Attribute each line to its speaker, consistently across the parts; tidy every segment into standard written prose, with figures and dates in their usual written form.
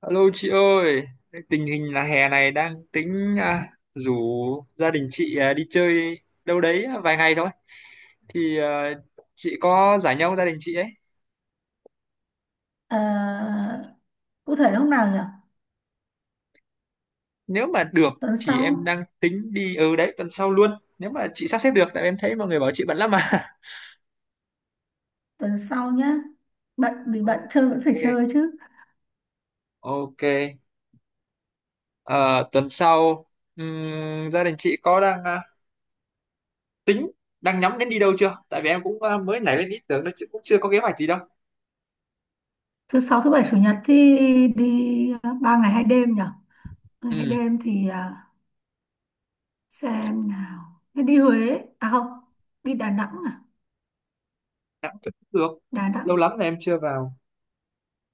Speaker 1: Alo chị ơi, tình hình là hè này đang tính rủ gia đình chị, đi chơi đâu đấy vài ngày thôi. Thì à, chị có rảnh nhau gia đình chị ấy.
Speaker 2: À, cụ thể là lúc nào nhỉ?
Speaker 1: Nếu mà được
Speaker 2: Tuần
Speaker 1: thì em
Speaker 2: sau,
Speaker 1: đang tính đi ở đấy tuần sau luôn. Nếu mà chị sắp xếp được, tại em thấy mọi người bảo chị bận lắm mà.
Speaker 2: tuần sau nhá. Bận vì bận
Speaker 1: Ok,
Speaker 2: chơi vẫn phải chơi chứ.
Speaker 1: ok. Ờ, tuần sau gia đình chị có đang tính đang nhắm đến đi đâu chưa? Tại vì em cũng, mới nảy lên ý tưởng đó chứ cũng chưa có kế hoạch gì đâu.
Speaker 2: Thứ sáu, thứ bảy, chủ nhật thì đi à, ba ngày hai đêm nhỉ? Ba ngày hai
Speaker 1: Ừ,
Speaker 2: đêm thì à, xem nào. Thế đi Huế, à không, đi Đà Nẵng à?
Speaker 1: cũng được.
Speaker 2: Đà Nẵng.
Speaker 1: Lâu lắm là em chưa vào.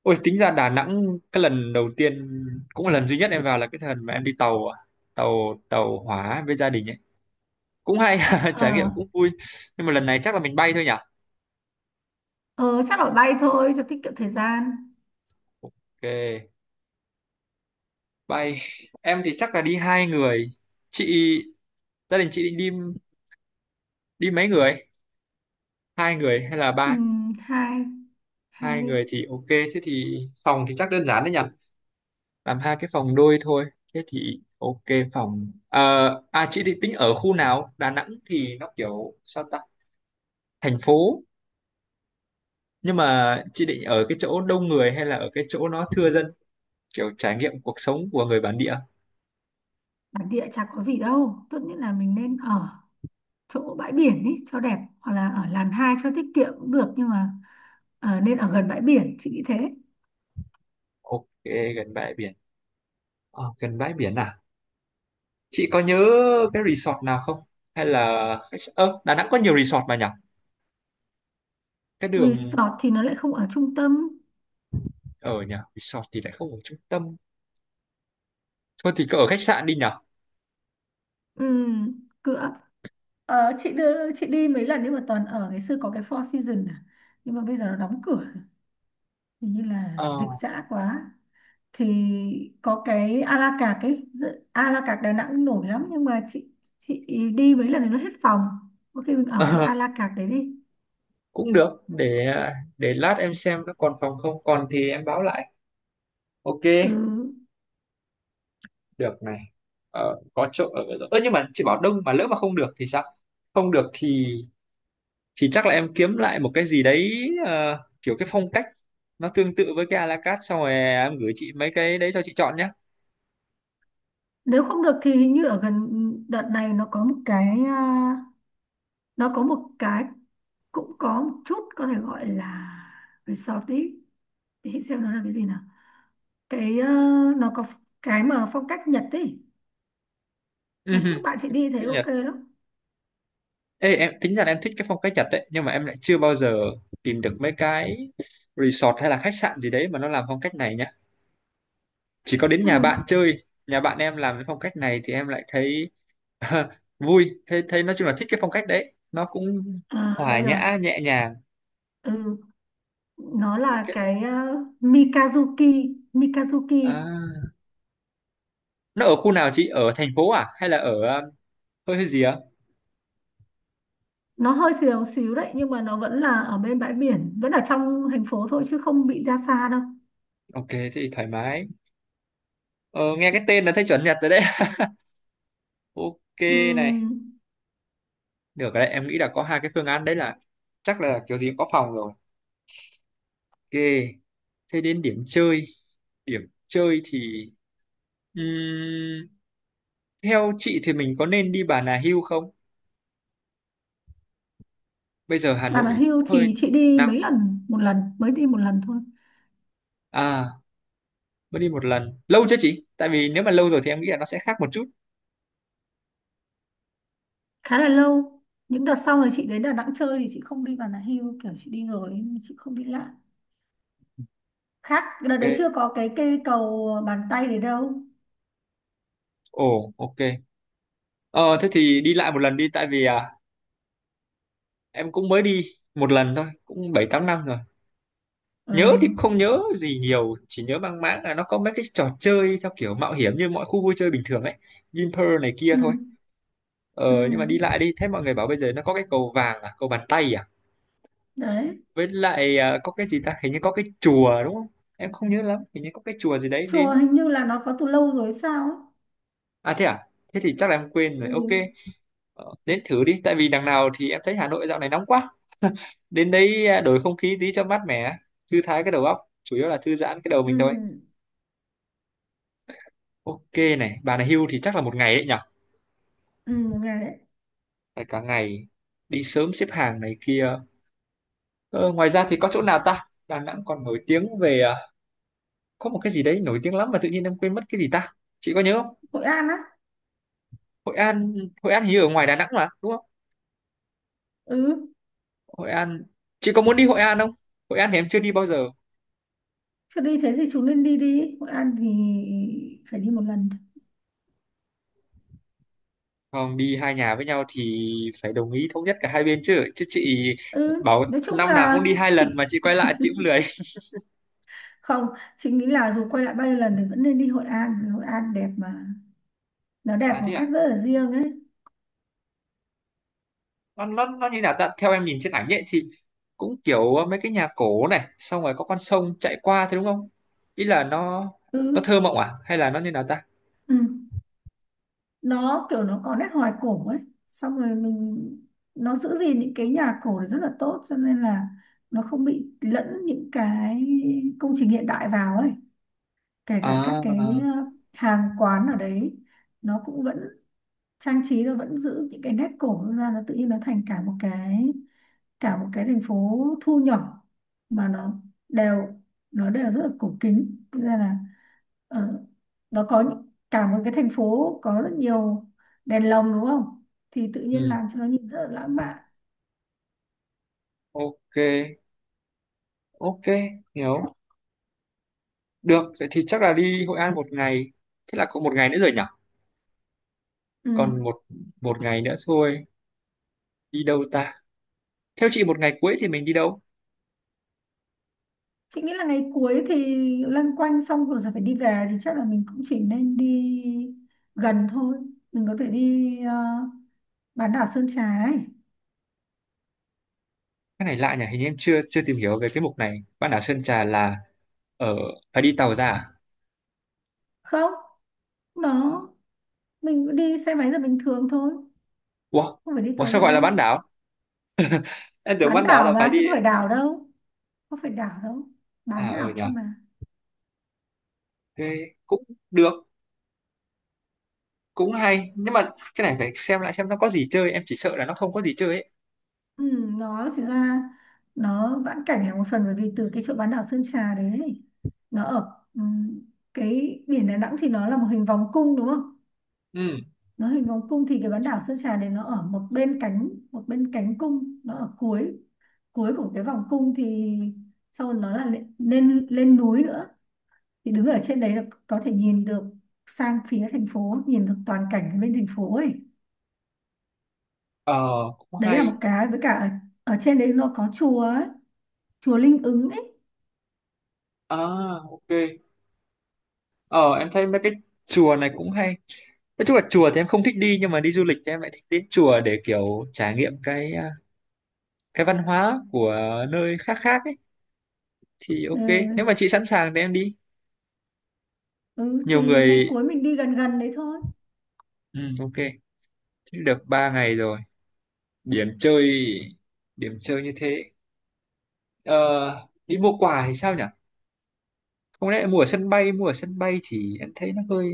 Speaker 1: Ôi tính ra Đà Nẵng cái lần đầu tiên cũng là lần duy nhất em vào là cái lần mà em đi tàu ạ. Tàu tàu hỏa với gia đình ấy, cũng hay. Trải nghiệm
Speaker 2: Ờ,
Speaker 1: cũng vui, nhưng mà lần này chắc là mình bay thôi nhỉ.
Speaker 2: ờ chắc là bay thôi cho tiết kiệm thời gian.
Speaker 1: Ok, bay. Em thì chắc là đi hai người. Chị, gia đình chị định đi, đi mấy người, hai người hay là ba?
Speaker 2: Hai, hai
Speaker 1: Hai người
Speaker 2: đi.
Speaker 1: thì ok, thế thì phòng thì chắc đơn giản đấy nhỉ, làm hai cái phòng đôi thôi. Thế thì ok. Phòng. Ờ, à, chị thì tính ở khu nào? Đà Nẵng thì nó kiểu sao ta, thành phố, nhưng mà chị định ở cái chỗ đông người hay là ở cái chỗ nó thưa dân, kiểu trải nghiệm cuộc sống của người bản địa?
Speaker 2: Bản địa chả có gì đâu. Tốt nhất là mình nên ở chỗ bãi biển ý, cho đẹp hoặc là ở làn 2 cho tiết kiệm cũng được, nhưng mà nên ở gần bãi biển, chị nghĩ thế.
Speaker 1: Ok, gần bãi biển. Ờ, gần bãi biển, à chị có nhớ cái resort nào không, hay là khách s- ơ Đà Nẵng có nhiều resort mà nhỉ, cái đường.
Speaker 2: Resort thì nó lại không ở trung tâm.
Speaker 1: Ở nhỉ, resort thì lại không ở trung tâm. Thôi thì cứ ở khách sạn đi nhỉ.
Speaker 2: Ừ. cửa ờ, chị đưa chị đi mấy lần nhưng mà toàn ở ngày xưa có cái Four Seasons à. Nhưng mà bây giờ nó đóng cửa, hình như là
Speaker 1: Ờ.
Speaker 2: dịch dã quá. Thì có cái a la carte ấy, a la carte Đà Nẵng cũng nổi lắm, nhưng mà chị đi mấy lần thì nó hết phòng. Có khi mình ở cái a la carte đấy đi.
Speaker 1: Cũng được, để lát em xem nó còn phòng không, còn thì em báo lại. Ok,
Speaker 2: Ừ.
Speaker 1: được này. Ờ, có chỗ ở. Ơ nhưng mà chị bảo đông mà lỡ mà không được thì sao? Không được thì chắc là em kiếm lại một cái gì đấy, kiểu cái phong cách nó tương tự với cái a la carte, xong rồi em gửi chị mấy cái đấy cho chị chọn nhé.
Speaker 2: Nếu không được thì hình như ở gần, đợt này nó có một cái, cũng có một chút, có thể gọi là resort ý. Để chị xem nó là cái gì nào. cái ờ, nó có cái mà phong cách Nhật ý. Đợt trước
Speaker 1: Ừm,
Speaker 2: bạn chị đi thấy
Speaker 1: cái Nhật.
Speaker 2: ok lắm.
Speaker 1: Ê, em tính ra là em thích cái phong cách Nhật đấy, nhưng mà em lại chưa bao giờ tìm được mấy cái resort hay là khách sạn gì đấy mà nó làm phong cách này nhá. Chỉ có đến nhà
Speaker 2: Ừ.
Speaker 1: bạn chơi, nhà bạn em làm cái phong cách này thì em lại thấy vui. Thế thế nói chung là thích cái phong cách đấy, nó cũng
Speaker 2: À,
Speaker 1: hòa
Speaker 2: đây rồi.
Speaker 1: nhã nhẹ nhàng.
Speaker 2: Ừ. Nó
Speaker 1: Cái-
Speaker 2: là
Speaker 1: cái-
Speaker 2: Mikazuki Mikazuki.
Speaker 1: À, nó ở khu nào? Chị ở thành phố à, hay là ở hơi hơi gì á?
Speaker 2: Nó hơi xíu xíu đấy nhưng mà nó vẫn là ở bên bãi biển, vẫn ở trong thành phố thôi chứ không bị ra xa đâu.
Speaker 1: Ok thế thì thoải mái. Ờ, nghe cái tên là thấy chuẩn Nhật rồi đấy. Ok
Speaker 2: Ừ.
Speaker 1: này, được rồi đấy, em nghĩ là có hai cái phương án đấy, là chắc là kiểu gì cũng có phòng rồi. Ok, thế đến điểm chơi. Điểm chơi thì, ừm, theo chị thì mình có nên đi Bà Nà Hills không? Bây giờ Hà
Speaker 2: Bà mà
Speaker 1: Nội
Speaker 2: hưu
Speaker 1: cũng hơi
Speaker 2: thì chị đi
Speaker 1: nắng.
Speaker 2: mấy lần, một lần, mới đi một lần thôi.
Speaker 1: À mới đi một lần, lâu chưa chị, tại vì nếu mà lâu rồi thì em nghĩ là nó sẽ khác một chút.
Speaker 2: Khá là lâu. Những đợt sau này chị đến Đà Nẵng chơi thì chị không đi Bà Nà Hills, kiểu chị đi rồi nhưng mà chị không đi lại. Khác, đợt đấy chưa
Speaker 1: Ok,
Speaker 2: có cái cây cầu bàn tay đấy đâu.
Speaker 1: ồ ok. Ờ thế thì đi lại một lần đi, tại vì, à, em cũng mới đi một lần thôi, cũng 7 8 năm rồi.
Speaker 2: Ừ.
Speaker 1: Nhớ thì cũng không nhớ gì nhiều, chỉ nhớ mang máng là nó có mấy cái trò chơi theo kiểu mạo hiểm như mọi khu vui chơi bình thường ấy, Vinpearl này kia
Speaker 2: Ừ.
Speaker 1: thôi.
Speaker 2: Ừ.
Speaker 1: Ờ nhưng mà đi lại đi. Thế mọi người bảo bây giờ nó có cái cầu vàng à, cầu bàn tay à.
Speaker 2: Đấy.
Speaker 1: Với lại, à, có cái gì ta, hình như có cái chùa đúng không, em không nhớ lắm, hình như có cái chùa gì đấy
Speaker 2: Chùa
Speaker 1: đến.
Speaker 2: hình như là nó có từ lâu rồi sao ấy.
Speaker 1: À thế à, thế thì chắc là em quên rồi.
Speaker 2: Ừ.
Speaker 1: Ok. Ờ, đến thử đi, tại vì đằng nào thì em thấy Hà Nội dạo này nóng quá. Đến đấy đổi không khí tí cho mát mẻ, thư thái cái đầu óc, chủ yếu là thư giãn cái đầu
Speaker 2: Ừ.
Speaker 1: mình thôi. Ok này, bà này hưu thì chắc là một ngày đấy nhở?
Speaker 2: Ừ. Một ngày đấy.
Speaker 1: Phải cả ngày, đi sớm xếp hàng này kia. Ờ, ngoài ra thì có chỗ nào ta? Đà Nẵng còn nổi tiếng về, có một cái gì đấy nổi tiếng lắm mà tự nhiên em quên mất, cái gì ta? Chị có nhớ không?
Speaker 2: Hội An á.
Speaker 1: Hội An, Hội An hình như ở ngoài Đà Nẵng mà, đúng không?
Speaker 2: Ừ.
Speaker 1: Hội An, chị có muốn đi Hội An không? Hội An thì em chưa đi bao giờ.
Speaker 2: Cứ đi thế thì chúng nên đi đi. Hội An thì phải đi một lần.
Speaker 1: Không đi hai nhà với nhau thì phải đồng ý thống nhất cả hai bên chứ chứ chị
Speaker 2: Ừ.
Speaker 1: bảo
Speaker 2: Nói chung
Speaker 1: năm nào
Speaker 2: là
Speaker 1: cũng đi hai lần mà
Speaker 2: chị
Speaker 1: chị quay lại chị cũng lười.
Speaker 2: không chị nghĩ là dù quay lại bao nhiêu lần thì vẫn nên đi Hội An vì Hội An đẹp mà, nó đẹp
Speaker 1: À
Speaker 2: một
Speaker 1: thế
Speaker 2: cách
Speaker 1: à,
Speaker 2: rất là riêng ấy.
Speaker 1: nó như nào ta? Theo em nhìn trên ảnh ấy thì cũng kiểu, ờ, mấy cái nhà cổ này, xong rồi có con sông chạy qua thế đúng không? Ý là nó
Speaker 2: Ừ,
Speaker 1: nó thơ mộng à hay là nó như nào ta?
Speaker 2: ừ. Nó kiểu nó có nét hoài cổ ấy, xong rồi mình nó giữ gìn những cái nhà cổ thì rất là tốt, cho nên là nó không bị lẫn những cái công trình hiện đại vào ấy. Kể cả các cái
Speaker 1: À
Speaker 2: hàng quán ở đấy, nó cũng vẫn trang trí, nó vẫn giữ những cái nét cổ ra, nó tự nhiên nó thành cả một cái thành phố thu nhỏ, mà đều nó đều rất là cổ kính. Thế ra là ờ, cả một cái thành phố có rất nhiều đèn lồng đúng không, thì tự nhiên
Speaker 1: ừ,
Speaker 2: làm cho nó nhìn rất là lãng mạn.
Speaker 1: ok ok, hiểu. Được vậy thì chắc là đi Hội An một ngày. Thế là có một ngày nữa rồi nhỉ. Còn
Speaker 2: Ừ.
Speaker 1: một, một ngày nữa thôi, đi đâu ta? Theo chị một ngày cuối thì mình đi đâu?
Speaker 2: Chị nghĩ là ngày cuối thì loanh quanh xong rồi sẽ phải đi về, thì chắc là mình cũng chỉ nên đi gần thôi, mình có thể đi bán đảo Sơn Trà ấy.
Speaker 1: Cái này lạ nhỉ, hình như em chưa chưa tìm hiểu về cái mục này, bán đảo Sơn Trà là ở, phải đi tàu ra à?
Speaker 2: Không, nó mình cũng đi xe máy là bình thường thôi,
Speaker 1: Ủa?
Speaker 2: không phải đi
Speaker 1: Ủa
Speaker 2: tàu
Speaker 1: sao
Speaker 2: ra
Speaker 1: gọi là bán
Speaker 2: đâu.
Speaker 1: đảo, em tưởng
Speaker 2: Bán
Speaker 1: bán đảo là
Speaker 2: đảo
Speaker 1: phải
Speaker 2: mà
Speaker 1: đi.
Speaker 2: chứ không phải đảo đâu, không phải đảo đâu,
Speaker 1: À
Speaker 2: bán
Speaker 1: ờ
Speaker 2: đảo
Speaker 1: nhỉ,
Speaker 2: thôi mà.
Speaker 1: thế cũng được, cũng hay, nhưng mà cái này phải xem lại xem nó có gì chơi, em chỉ sợ là nó không có gì chơi ấy.
Speaker 2: Ừ, nó chỉ ra, nó vãn cảnh là một phần, bởi vì từ cái chỗ bán đảo Sơn Trà đấy ấy, nó ở cái biển Đà Nẵng thì nó là một hình vòng cung đúng không.
Speaker 1: Ừ,
Speaker 2: Nó hình vòng cung thì cái bán đảo Sơn Trà này nó ở một bên cánh cung, nó ở cuối cuối của cái vòng cung, thì sau đó nó là lên lên, lên núi nữa. Thì đứng ở trên đấy là có thể nhìn được sang phía thành phố, nhìn được toàn cảnh bên thành phố ấy.
Speaker 1: ờ cũng
Speaker 2: Đấy là
Speaker 1: hay.
Speaker 2: một cái, với cả ở trên đấy nó có chùa ấy, chùa Linh Ứng ấy.
Speaker 1: À ok, ờ em thấy mấy cái chùa này cũng hay. Nói chung là chùa thì em không thích đi, nhưng mà đi du lịch thì em lại thích đến chùa để kiểu trải nghiệm cái, à, cái văn hóa của nơi khác khác ấy. Thì
Speaker 2: Ừ.
Speaker 1: ok, nếu mà chị sẵn sàng thì em đi
Speaker 2: Ừ
Speaker 1: nhiều
Speaker 2: thì ngày
Speaker 1: người.
Speaker 2: cuối mình đi gần gần đấy thôi.
Speaker 1: Ừ, ok, thế được 3 ngày rồi. Điểm chơi, điểm chơi như thế. Ờ, đi mua quà thì sao nhỉ? Không lẽ mua ở sân bay, mua ở sân bay thì em thấy nó hơi,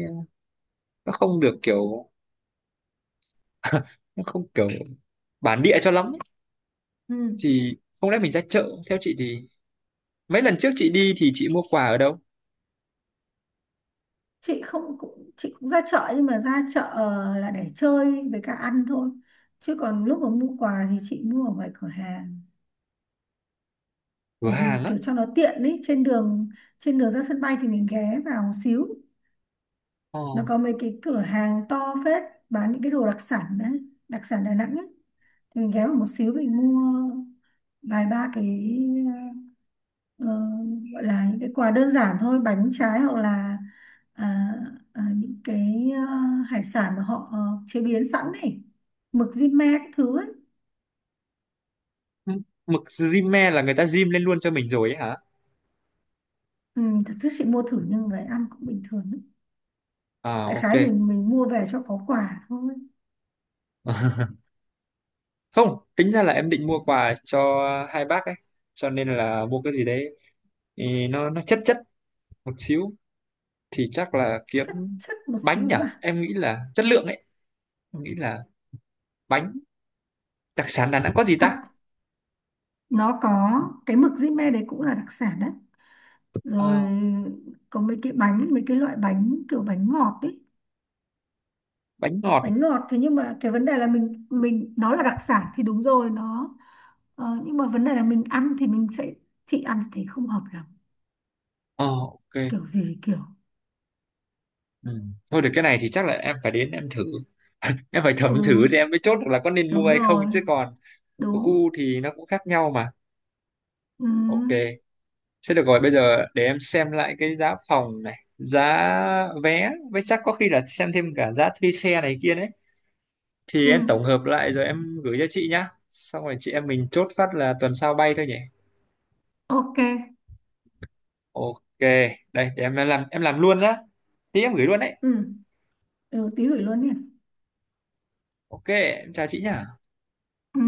Speaker 1: nó không được kiểu nó không kiểu bản địa cho lắm ấy.
Speaker 2: Ừ.
Speaker 1: Thì không lẽ mình ra chợ, theo chị thì mấy lần trước chị đi thì chị mua quà ở đâu?
Speaker 2: chị không cũng chị cũng ra chợ, nhưng mà ra chợ là để chơi, với cả ăn thôi, chứ còn lúc mà mua quà thì chị mua ở ngoài cửa hàng,
Speaker 1: Cửa
Speaker 2: bởi vì
Speaker 1: hàng á.
Speaker 2: kiểu cho nó tiện ấy. Trên đường ra sân bay thì mình ghé vào một xíu.
Speaker 1: Ờ.
Speaker 2: Nó có mấy cái cửa hàng to phết bán những cái đồ đặc sản đấy, đặc sản Đà Nẵng ấy. Thì mình ghé vào một xíu mình mua vài ba cái, ờ, gọi là những cái quà đơn giản thôi, bánh trái, hoặc là à, những cái hải sản mà họ chế biến sẵn này, mực di-me cái thứ ấy.
Speaker 1: Mực rímel là người ta rim lên luôn cho mình rồi ấy hả?
Speaker 2: Ừ, thật sự chị mua thử nhưng về ăn cũng bình thường ấy.
Speaker 1: À
Speaker 2: Đại
Speaker 1: ok.
Speaker 2: khái là mình mua về cho có quà thôi.
Speaker 1: Không tính ra là em định mua quà cho hai bác ấy, cho nên là mua cái gì đấy thì nó chất chất một xíu, thì chắc là kiếm
Speaker 2: Chất chất một
Speaker 1: bánh nhở,
Speaker 2: xíu à.
Speaker 1: em nghĩ là chất lượng ấy. Em nghĩ là bánh, đặc sản Đà Nẵng có gì
Speaker 2: Thật,
Speaker 1: ta?
Speaker 2: nó có cái mực di-me đấy cũng là đặc sản đấy. Rồi
Speaker 1: Ờ,
Speaker 2: có mấy cái loại bánh kiểu bánh ngọt ấy.
Speaker 1: bánh ngọt.
Speaker 2: Bánh ngọt, thế nhưng mà cái vấn đề là mình nó là đặc sản thì đúng rồi, nó nhưng mà vấn đề là mình ăn thì mình sẽ chị ăn thì không hợp lắm,
Speaker 1: Ờ ok.
Speaker 2: kiểu gì kiểu.
Speaker 1: Ừ. Thôi được, cái này thì chắc là em phải đến em thử em phải
Speaker 2: Ừ.
Speaker 1: thẩm thử thì em mới chốt được là có nên mua
Speaker 2: Đúng
Speaker 1: hay không,
Speaker 2: rồi.
Speaker 1: chứ còn
Speaker 2: Đúng.
Speaker 1: khu thì nó cũng khác nhau mà.
Speaker 2: Ừ.
Speaker 1: Ok. Thế được rồi, bây giờ để em xem lại cái giá phòng này, giá vé, với chắc có khi là xem thêm cả giá thuê xe này kia đấy. Thì
Speaker 2: Ừ.
Speaker 1: em tổng hợp lại rồi em gửi cho chị nhá. Xong rồi chị em mình chốt phát là tuần sau bay thôi nhỉ.
Speaker 2: Ok.
Speaker 1: Ok, đây để em làm, em làm luôn nhá. Tí em gửi luôn đấy.
Speaker 2: Ừ. Ừ, tí gửi luôn nhỉ.
Speaker 1: Ok, em chào chị nhá.
Speaker 2: Ừ.